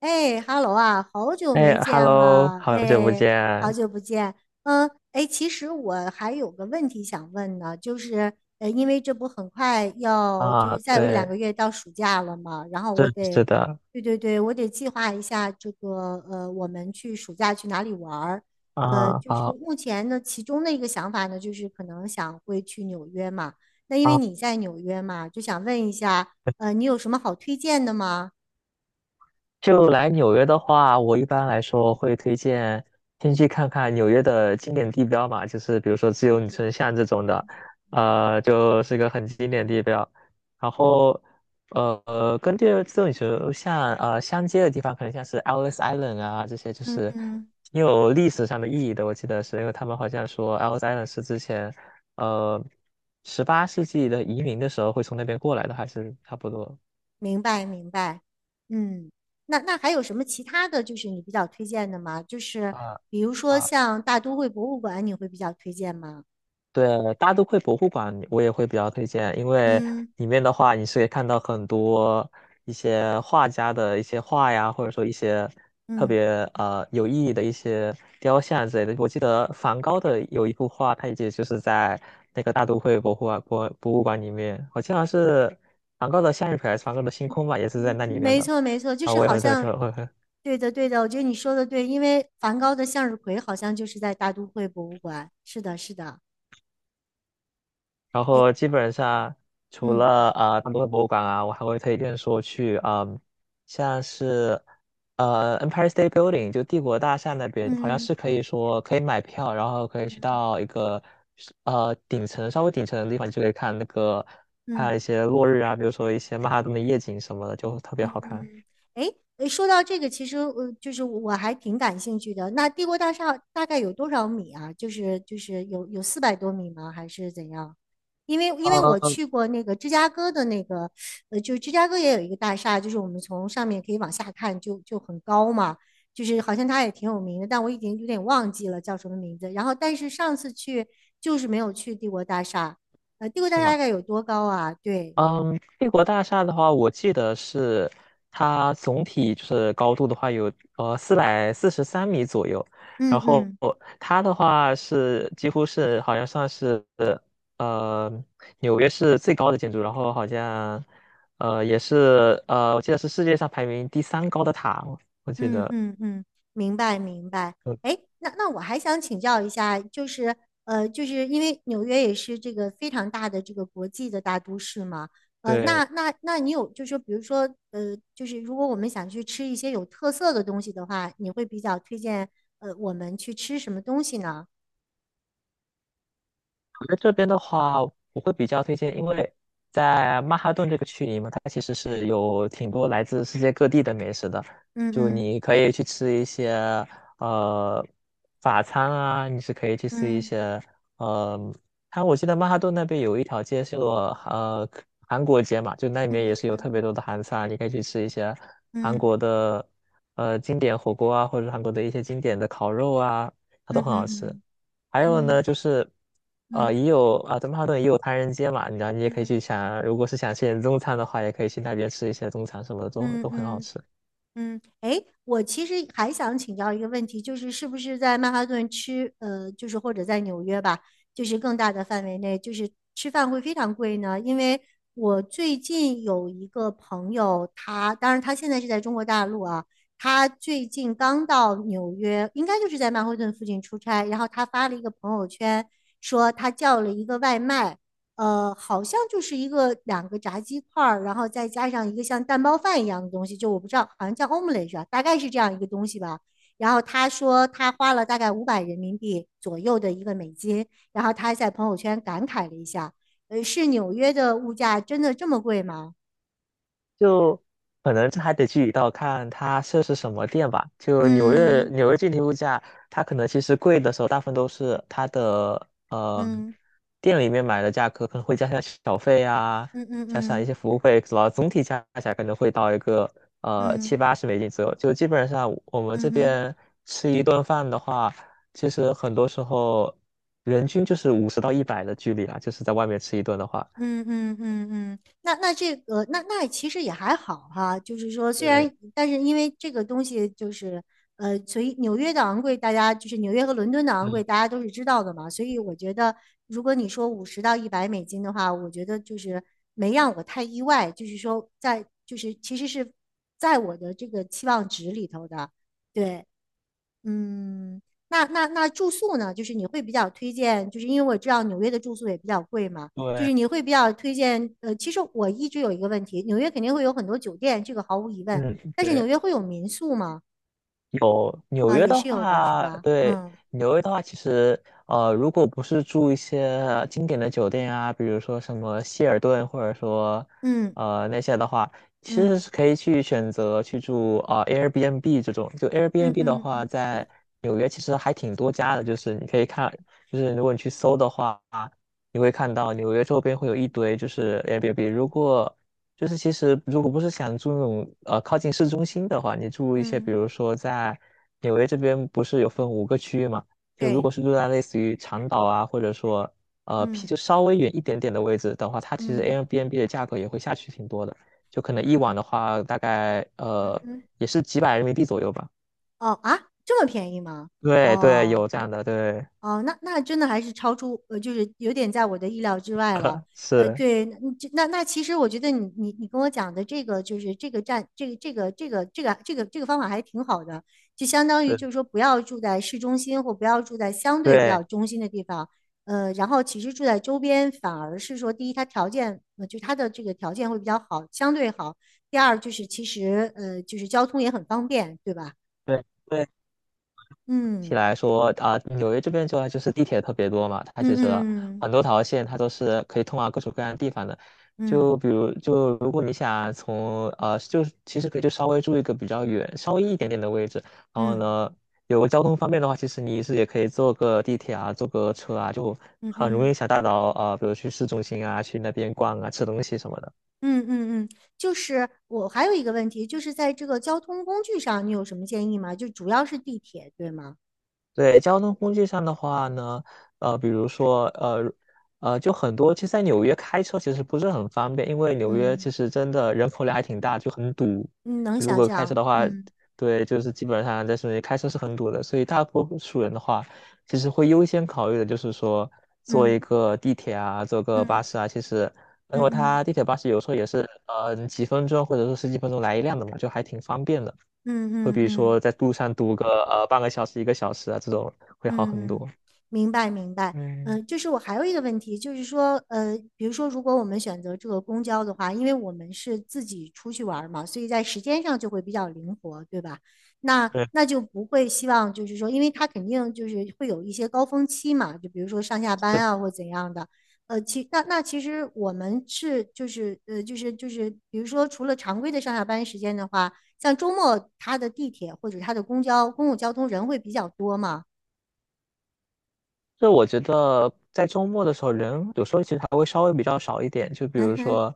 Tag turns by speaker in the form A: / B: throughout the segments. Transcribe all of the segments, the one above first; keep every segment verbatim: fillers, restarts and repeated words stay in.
A: 哎，Hello 啊，好久
B: 哎
A: 没见
B: ，Hello，
A: 了，
B: 好久不
A: 哎，好
B: 见。
A: 久不见。嗯，哎，其实我还有个问题想问呢，就是，呃，因为这不很快要，就
B: 啊！
A: 是再有一两
B: 对，
A: 个月到暑假了嘛，然后我
B: 是
A: 得，
B: 是的。
A: 对对对，我得计划一下这个，呃，我们去暑假去哪里玩儿。呃，
B: 啊，
A: 就是
B: 好
A: 目前呢，其中的一个想法呢，就是可能想会去纽约嘛。那因为
B: 啊。
A: 你在纽约嘛，就想问一下，呃，你有什么好推荐的吗？
B: 就来纽约的话，我一般来说会推荐先去看看纽约的经典地标嘛，就是比如说自由女神像这种的，呃，就是一个很经典地标。然后，呃，呃跟这自由女神像呃相接的地方，可能像是 Ellis Island 啊这些，就
A: 嗯
B: 是
A: 嗯。
B: 挺有历史上的意义的。我记得是因为他们好像说 Ellis Island 是之前呃十八世纪的移民的时候会从那边过来的，还是差不多
A: 明白，明白。嗯，那那还有什么其他的就是你比较推荐的吗？就是
B: 啊
A: 比如说
B: 啊。
A: 像大都会博物馆，你会比较推荐吗？
B: 对，大都会博物馆我也会比较推荐，因为
A: 嗯
B: 里面的话，你是可以看到很多一些画家的一些画呀，或者说一些特
A: 嗯，
B: 别呃有意义的一些雕像之类的。我记得梵高的有一幅画，它也就是在那个大都会博物馆博博物馆里面，我记得好像是梵高的向日葵还是梵高的星空吧，也是在那
A: 嗯
B: 里面
A: 没
B: 的。
A: 错没错，就
B: 啊，
A: 是
B: 我也
A: 好
B: 会特
A: 像，
B: 挺会
A: 对的对的，我觉得你说的对，因为梵高的向日葵好像就是在大都会博物馆。是的，是的。
B: 然
A: 哎，
B: 后基本上除
A: 嗯
B: 了呃大多的博物馆啊，我还会推荐说去嗯，像是呃 Empire State Building 就帝国大厦那边，好像
A: 嗯
B: 是可以说可以买票，然后可以去
A: 嗯
B: 到一个呃顶层稍微顶层的地方，你就可以看那个看
A: 嗯。
B: 一些落日啊，比如说一些曼哈顿的夜景什么的，就特别
A: 嗯
B: 好看。
A: 嗯，哎，诶说到这个，其实呃，就是我还挺感兴趣的。那帝国大厦大概有多少米啊？就是就是有有四百多米吗？还是怎样？因为因为我
B: 呃，
A: 去过那个芝加哥的那个，呃，就是芝加哥也有一个大厦，就是我们从上面可以往下看就，就很高嘛。就是好像它也挺有名的，但我已经有点忘记了叫什么名字。然后，但是上次去就是没有去帝国大厦，呃，帝国大
B: 是
A: 厦大
B: 吗？
A: 概有多高啊？对，
B: 嗯，帝国大厦的话，我记得是它总体就是高度的话有呃四百四十三米左右，然
A: 嗯
B: 后
A: 嗯
B: 它的话是几乎是好像算是呃纽约市最高的建筑，然后好像呃也是呃我记得是世界上排名第三高的塔，我记
A: 嗯
B: 得
A: 嗯嗯，明白明白。
B: 嗯
A: 哎，那那我还想请教一下，就是呃，就是因为纽约也是这个非常大的这个国际的大都市嘛，呃，那
B: 对。
A: 那那你有就是比如说呃，就是如果我们想去吃一些有特色的东西的话，你会比较推荐呃我们去吃什么东西呢？
B: 我在这边的话，我会比较推荐，因为在曼哈顿这个区域嘛，它其实是有挺多来自世界各地的美食的。
A: 嗯
B: 就
A: 嗯
B: 你可以去吃一些呃法餐啊，你是可以去吃一
A: 嗯
B: 些呃，它我记得曼哈顿那边有一条街是有呃韩国街嘛，就那里面也
A: 嗯
B: 是有特别多的韩餐，你可以去吃一些韩
A: 嗯
B: 国的呃经典火锅啊，或者韩国的一些经典的烤肉啊，它
A: 嗯
B: 都很好吃。
A: 嗯
B: 还有
A: 嗯
B: 呢，就是
A: 嗯
B: 呃，
A: 嗯
B: 也有啊，德曼哈顿也有唐人街嘛，你知道，你也可以
A: 嗯
B: 去想，如果是想吃点中餐的话，也可以去那边吃一些中餐什么的，都
A: 嗯
B: 都很好
A: 嗯。
B: 吃。
A: 嗯，哎，我其实还想请教一个问题，就是是不是在曼哈顿吃，呃，就是或者在纽约吧，就是更大的范围内，就是吃饭会非常贵呢？因为我最近有一个朋友，他当然他现在是在中国大陆啊，他最近刚到纽约，应该就是在曼哈顿附近出差，然后他发了一个朋友圈，说他叫了一个外卖。呃，好像就是一个两个炸鸡块儿，然后再加上一个像蛋包饭一样的东西，就我不知道，好像叫 omelette 啊大概是这样一个东西吧。然后他说他花了大概五百人民币左右的一个美金，然后他在朋友圈感慨了一下，呃，是纽约的物价真的这么贵吗？
B: 就可能这还得具体到看它设是什么店吧。就纽约
A: 嗯
B: 纽约具体物价，它可能其实贵的时候，大部分都是它的呃
A: 嗯
B: 店里面买的价格，可能会加上小费啊，
A: 嗯嗯
B: 加上一
A: 嗯
B: 些服务费，然后总体加起来可能会到一个
A: 嗯
B: 呃
A: 嗯
B: 七
A: 嗯嗯。
B: 八十美金左右。就基本上我们
A: 嗯
B: 这
A: 嗯
B: 边吃一顿饭的话，其实很多时候人均就是五十到一百的距离啊，就是在外面吃一顿的话。
A: 嗯嗯嗯嗯，那那这个那那其实也还好哈，就是说虽然
B: 对，
A: 但是因为这个东西就是呃，所以纽约的昂贵，大家就是纽约和伦敦的昂
B: 嗯，
A: 贵，大家都是知道的嘛，所以我觉得如果你说五十到一百美金的话，我觉得就是没让我太意外，就是说在就是其实是在我的这个期望值里头的，对，嗯，那那那住宿呢？就是你会比较推荐，就是因为我知道纽约的住宿也比较贵嘛，就
B: 对，
A: 是你会比较推荐。呃，其实我一直有一个问题，纽约肯定会有很多酒店，这个毫无疑问，
B: 嗯，
A: 但是
B: 对。
A: 纽约会有民宿吗？
B: 有纽
A: 啊，
B: 约
A: 也
B: 的
A: 是有的，是
B: 话，
A: 吧？
B: 对，
A: 嗯
B: 纽约的话，其实呃，如果不是住一些经典的酒店啊，比如说什么希尔顿，或者说
A: 嗯
B: 呃那些的话，其实
A: 嗯
B: 是可以去选择去住啊、呃 Airbnb 这种。就
A: 嗯
B: Airbnb 的话，
A: 嗯
B: 在纽约其实还挺多家的，就是你可以看，就是如果你去搜的话，你会看到纽约周边会有一堆就是 Airbnb。如果就是其实如果不是想住那种呃靠近市中心的话，你住一些比
A: 嗯，
B: 如说在纽约这边不是有分五个区域嘛？就如
A: 对，
B: 果是住在类似于长岛啊，或者说呃偏
A: 嗯
B: 就稍微远一点点的位置的话，它其实
A: 嗯
B: Airbnb 的价格也会下去挺多的，就可能一晚的话大概
A: 嗯，
B: 呃
A: 嗯
B: 也是几百人民币左右吧。
A: 哦啊，这么便宜吗？
B: 对对，
A: 哦。
B: 有这样的，对，
A: 哦，那那真的还是超出呃，就是有点在我的意料之外了。呃，
B: 是，
A: 对，那那那其实我觉得你你你跟我讲的这个就是这个站这个这个这个这个这个这个方法还挺好的，就相当于
B: 对
A: 就是说不要住在市中心或不要住在相对比
B: 对
A: 较中心的地方，呃，然后其实住在周边反而是说第一它条件呃就它的这个条件会比较好，相对好，第二就是其实呃就是交通也很方便，对吧？
B: 对对起
A: 嗯
B: 来说啊，嗯纽约这边主要就是地铁特别多嘛，它其
A: 嗯
B: 实很
A: 嗯
B: 多条线它都是可以通往各种各样的地方的。
A: 嗯
B: 就比如，就如果你想从呃，就是其实可以就稍微住一个比较远、稍微一点点的位置，然后
A: 嗯
B: 呢，有个交通方便的话，其实你是也可以坐个地铁啊，坐个车啊，就
A: 嗯嗯嗯。
B: 很
A: 嗯
B: 容易
A: 嗯
B: 想大到呃，比如去市中心啊，去那边逛啊，吃东西什么的。
A: 嗯嗯嗯，就是我还有一个问题，就是在这个交通工具上，你有什么建议吗？就主要是地铁，对吗？
B: 对，交通工具上的话呢，呃，比如说，呃，呃，就很多，其实在纽约开车其实不是很方便，因为纽约其
A: 嗯，
B: 实真的人口量还挺大，就很堵。
A: 你能
B: 就如
A: 想
B: 果开车
A: 象？
B: 的话，
A: 嗯
B: 对，就是基本上在室内开车是很堵的，所以大多数人的话，其实会优先考虑的就是说，坐一
A: 嗯
B: 个地铁啊，坐个巴
A: 嗯
B: 士啊，其实，因
A: 嗯
B: 为
A: 嗯
B: 它地铁巴士有时候也是，呃，几分钟或者说十几分钟来一辆的嘛，就还挺方便的。
A: 嗯
B: 会
A: 嗯嗯
B: 比如
A: 嗯。
B: 说在路上堵个呃半个小时、一个小时啊，这种会好很
A: 嗯，
B: 多。
A: 明白明白。
B: 嗯，
A: 嗯，就是我还有一个问题，就是说，呃，比如说，如果我们选择这个公交的话，因为我们是自己出去玩儿嘛，所以在时间上就会比较灵活，对吧？那
B: 对，
A: 那就不会希望就是说，因为它肯定就是会有一些高峰期嘛，就比如说上下
B: 这
A: 班啊或怎样的。呃，其那那其实我们是就是呃就是就是，比如说除了常规的上下班时间的话，像周末它的地铁或者它的公交公共交通人会比较多嘛？
B: 这我觉得在周末的时候，人有时候其实还会稍微比较少一点。就比
A: 嗯
B: 如
A: 哼，
B: 说，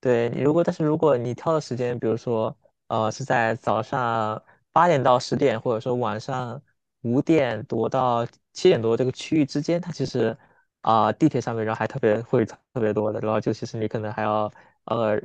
B: 对，你如果，但是如果你挑的时间，比如说，呃，是在早上八点到十点，或者说晚上五点多到七点多这个区域之间，它其实啊、地铁上面人还特别会特别多的，然后就其实你可能还要呃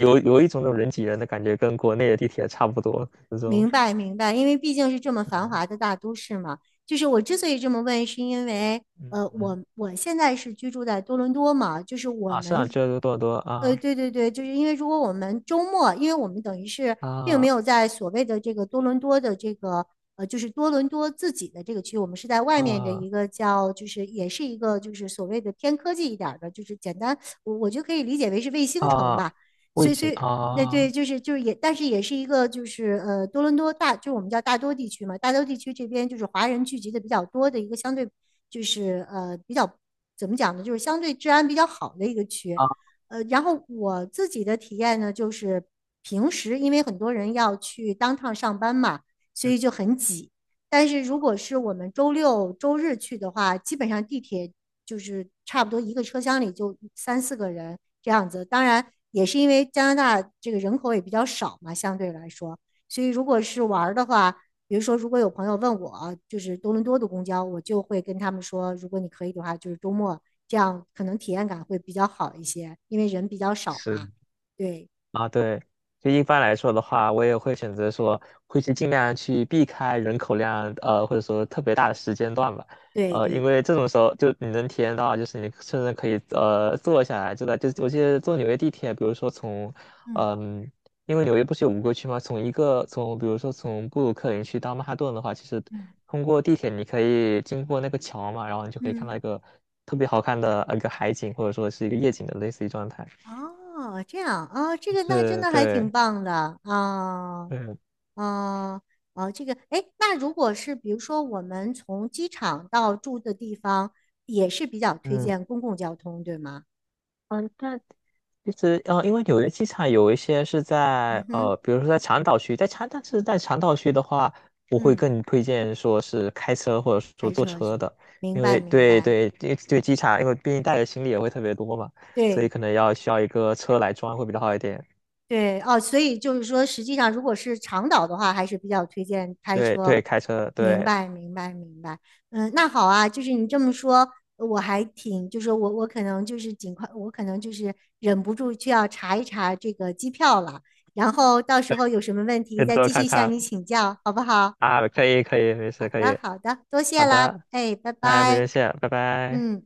B: 有有一种那种人挤人的感觉，跟国内的地铁差不多那种。
A: 明白明白，因为毕竟是这么繁华的大都市嘛。就是我之所以这么问，是因为呃，
B: 嗯，
A: 我我现在是居住在多伦多嘛，就是我
B: 啊，是啊，
A: 们，
B: 这多伦多啊
A: 呃，对对对，就是因为如果我们周末，因为我们等于是并没
B: 啊
A: 有在所谓的这个多伦多的这个呃，就是多伦多自己的这个区，我们是在外面的
B: 啊！
A: 一个叫，就是也是一个就是所谓的偏科技一点儿的，就是简单，我我就可以理解为是卫星城
B: 啊，
A: 吧。
B: 卫
A: 所以，所
B: 星
A: 以，那
B: 啊
A: 对，就是就是也，但是也是一个就是呃，多伦多大，就是我们叫大多地区嘛，大多地区这边就是华人聚集的比较多的一个相对就是呃比较怎么讲呢，就是相对治安比较好的一个区。
B: 啊，
A: 呃，然后我自己的体验呢，就是平时因为很多人要去当趟上班嘛，所以就很挤。但是如果是我们周六周日去的话，基本上地铁就是差不多一个车厢里就三四个人这样子。当然，也是因为加拿大这个人口也比较少嘛，相对来说，所以如果是玩的话，比如说如果有朋友问我，就是多伦多的公交，我就会跟他们说，如果你可以的话，就是周末这样，可能体验感会比较好一些，因为人比较少
B: 是
A: 嘛。对
B: 啊，对，就一般来说的话，我也会选择说，会去尽量去避开人口量，呃，或者说特别大的时间段吧，
A: 对
B: 呃，因
A: 对，
B: 为这种时候就你能体验到，就是你甚至可以呃坐下来，就在就我记得坐纽约地铁，比如说从，
A: 嗯
B: 嗯、因为纽约不是有五个区吗？从一个从比如说从布鲁克林区到曼哈顿的话，其实
A: 嗯
B: 通过地铁你可以经过那个桥嘛，然后你就可以看到
A: 嗯，
B: 一个特别好看的呃一个海景，或者说是一个夜景的类似于状态，
A: 哦，这样啊，哦这个那真
B: 是
A: 的还挺
B: 对。
A: 棒的啊。
B: 嗯。
A: 哦，哦，这个，哎，那如果是比如说我们从机场到住的地方，也是比较推
B: 嗯
A: 荐公共交通，对吗？
B: 嗯，那其实呃，因为纽约机场有一些是
A: 嗯
B: 在
A: 哼，
B: 呃，比如说在长岛区，在长，但是在长岛区的话，我会
A: 嗯，
B: 更推荐说是开车或者说
A: 开
B: 坐
A: 车是
B: 车
A: 吧？
B: 的，
A: 明
B: 因
A: 白，
B: 为
A: 明
B: 对
A: 白，
B: 对对对机场，因为毕竟带的行李也会特别多嘛，所以
A: 对。
B: 可能要需要一个车来装会比较好一点。
A: 对哦，所以就是说，实际上如果是长岛的话，还是比较推荐开
B: 对
A: 车。
B: 对，开车
A: 明
B: 对，
A: 白，明白，明白。嗯，那好啊，就是你这么说，我还挺，就是我我可能就是尽快，我可能就是忍不住就要查一查这个机票了。然后到时候有什么问
B: 可
A: 题
B: 以
A: 再
B: 多
A: 继
B: 看
A: 续向
B: 看
A: 你请教，好不好？
B: 啊，可以可以，没
A: 好
B: 事可
A: 的，
B: 以，
A: 好的，多谢
B: 好
A: 啦，
B: 的，
A: 哎，拜
B: 哎，不用
A: 拜，
B: 谢，拜拜。
A: 嗯。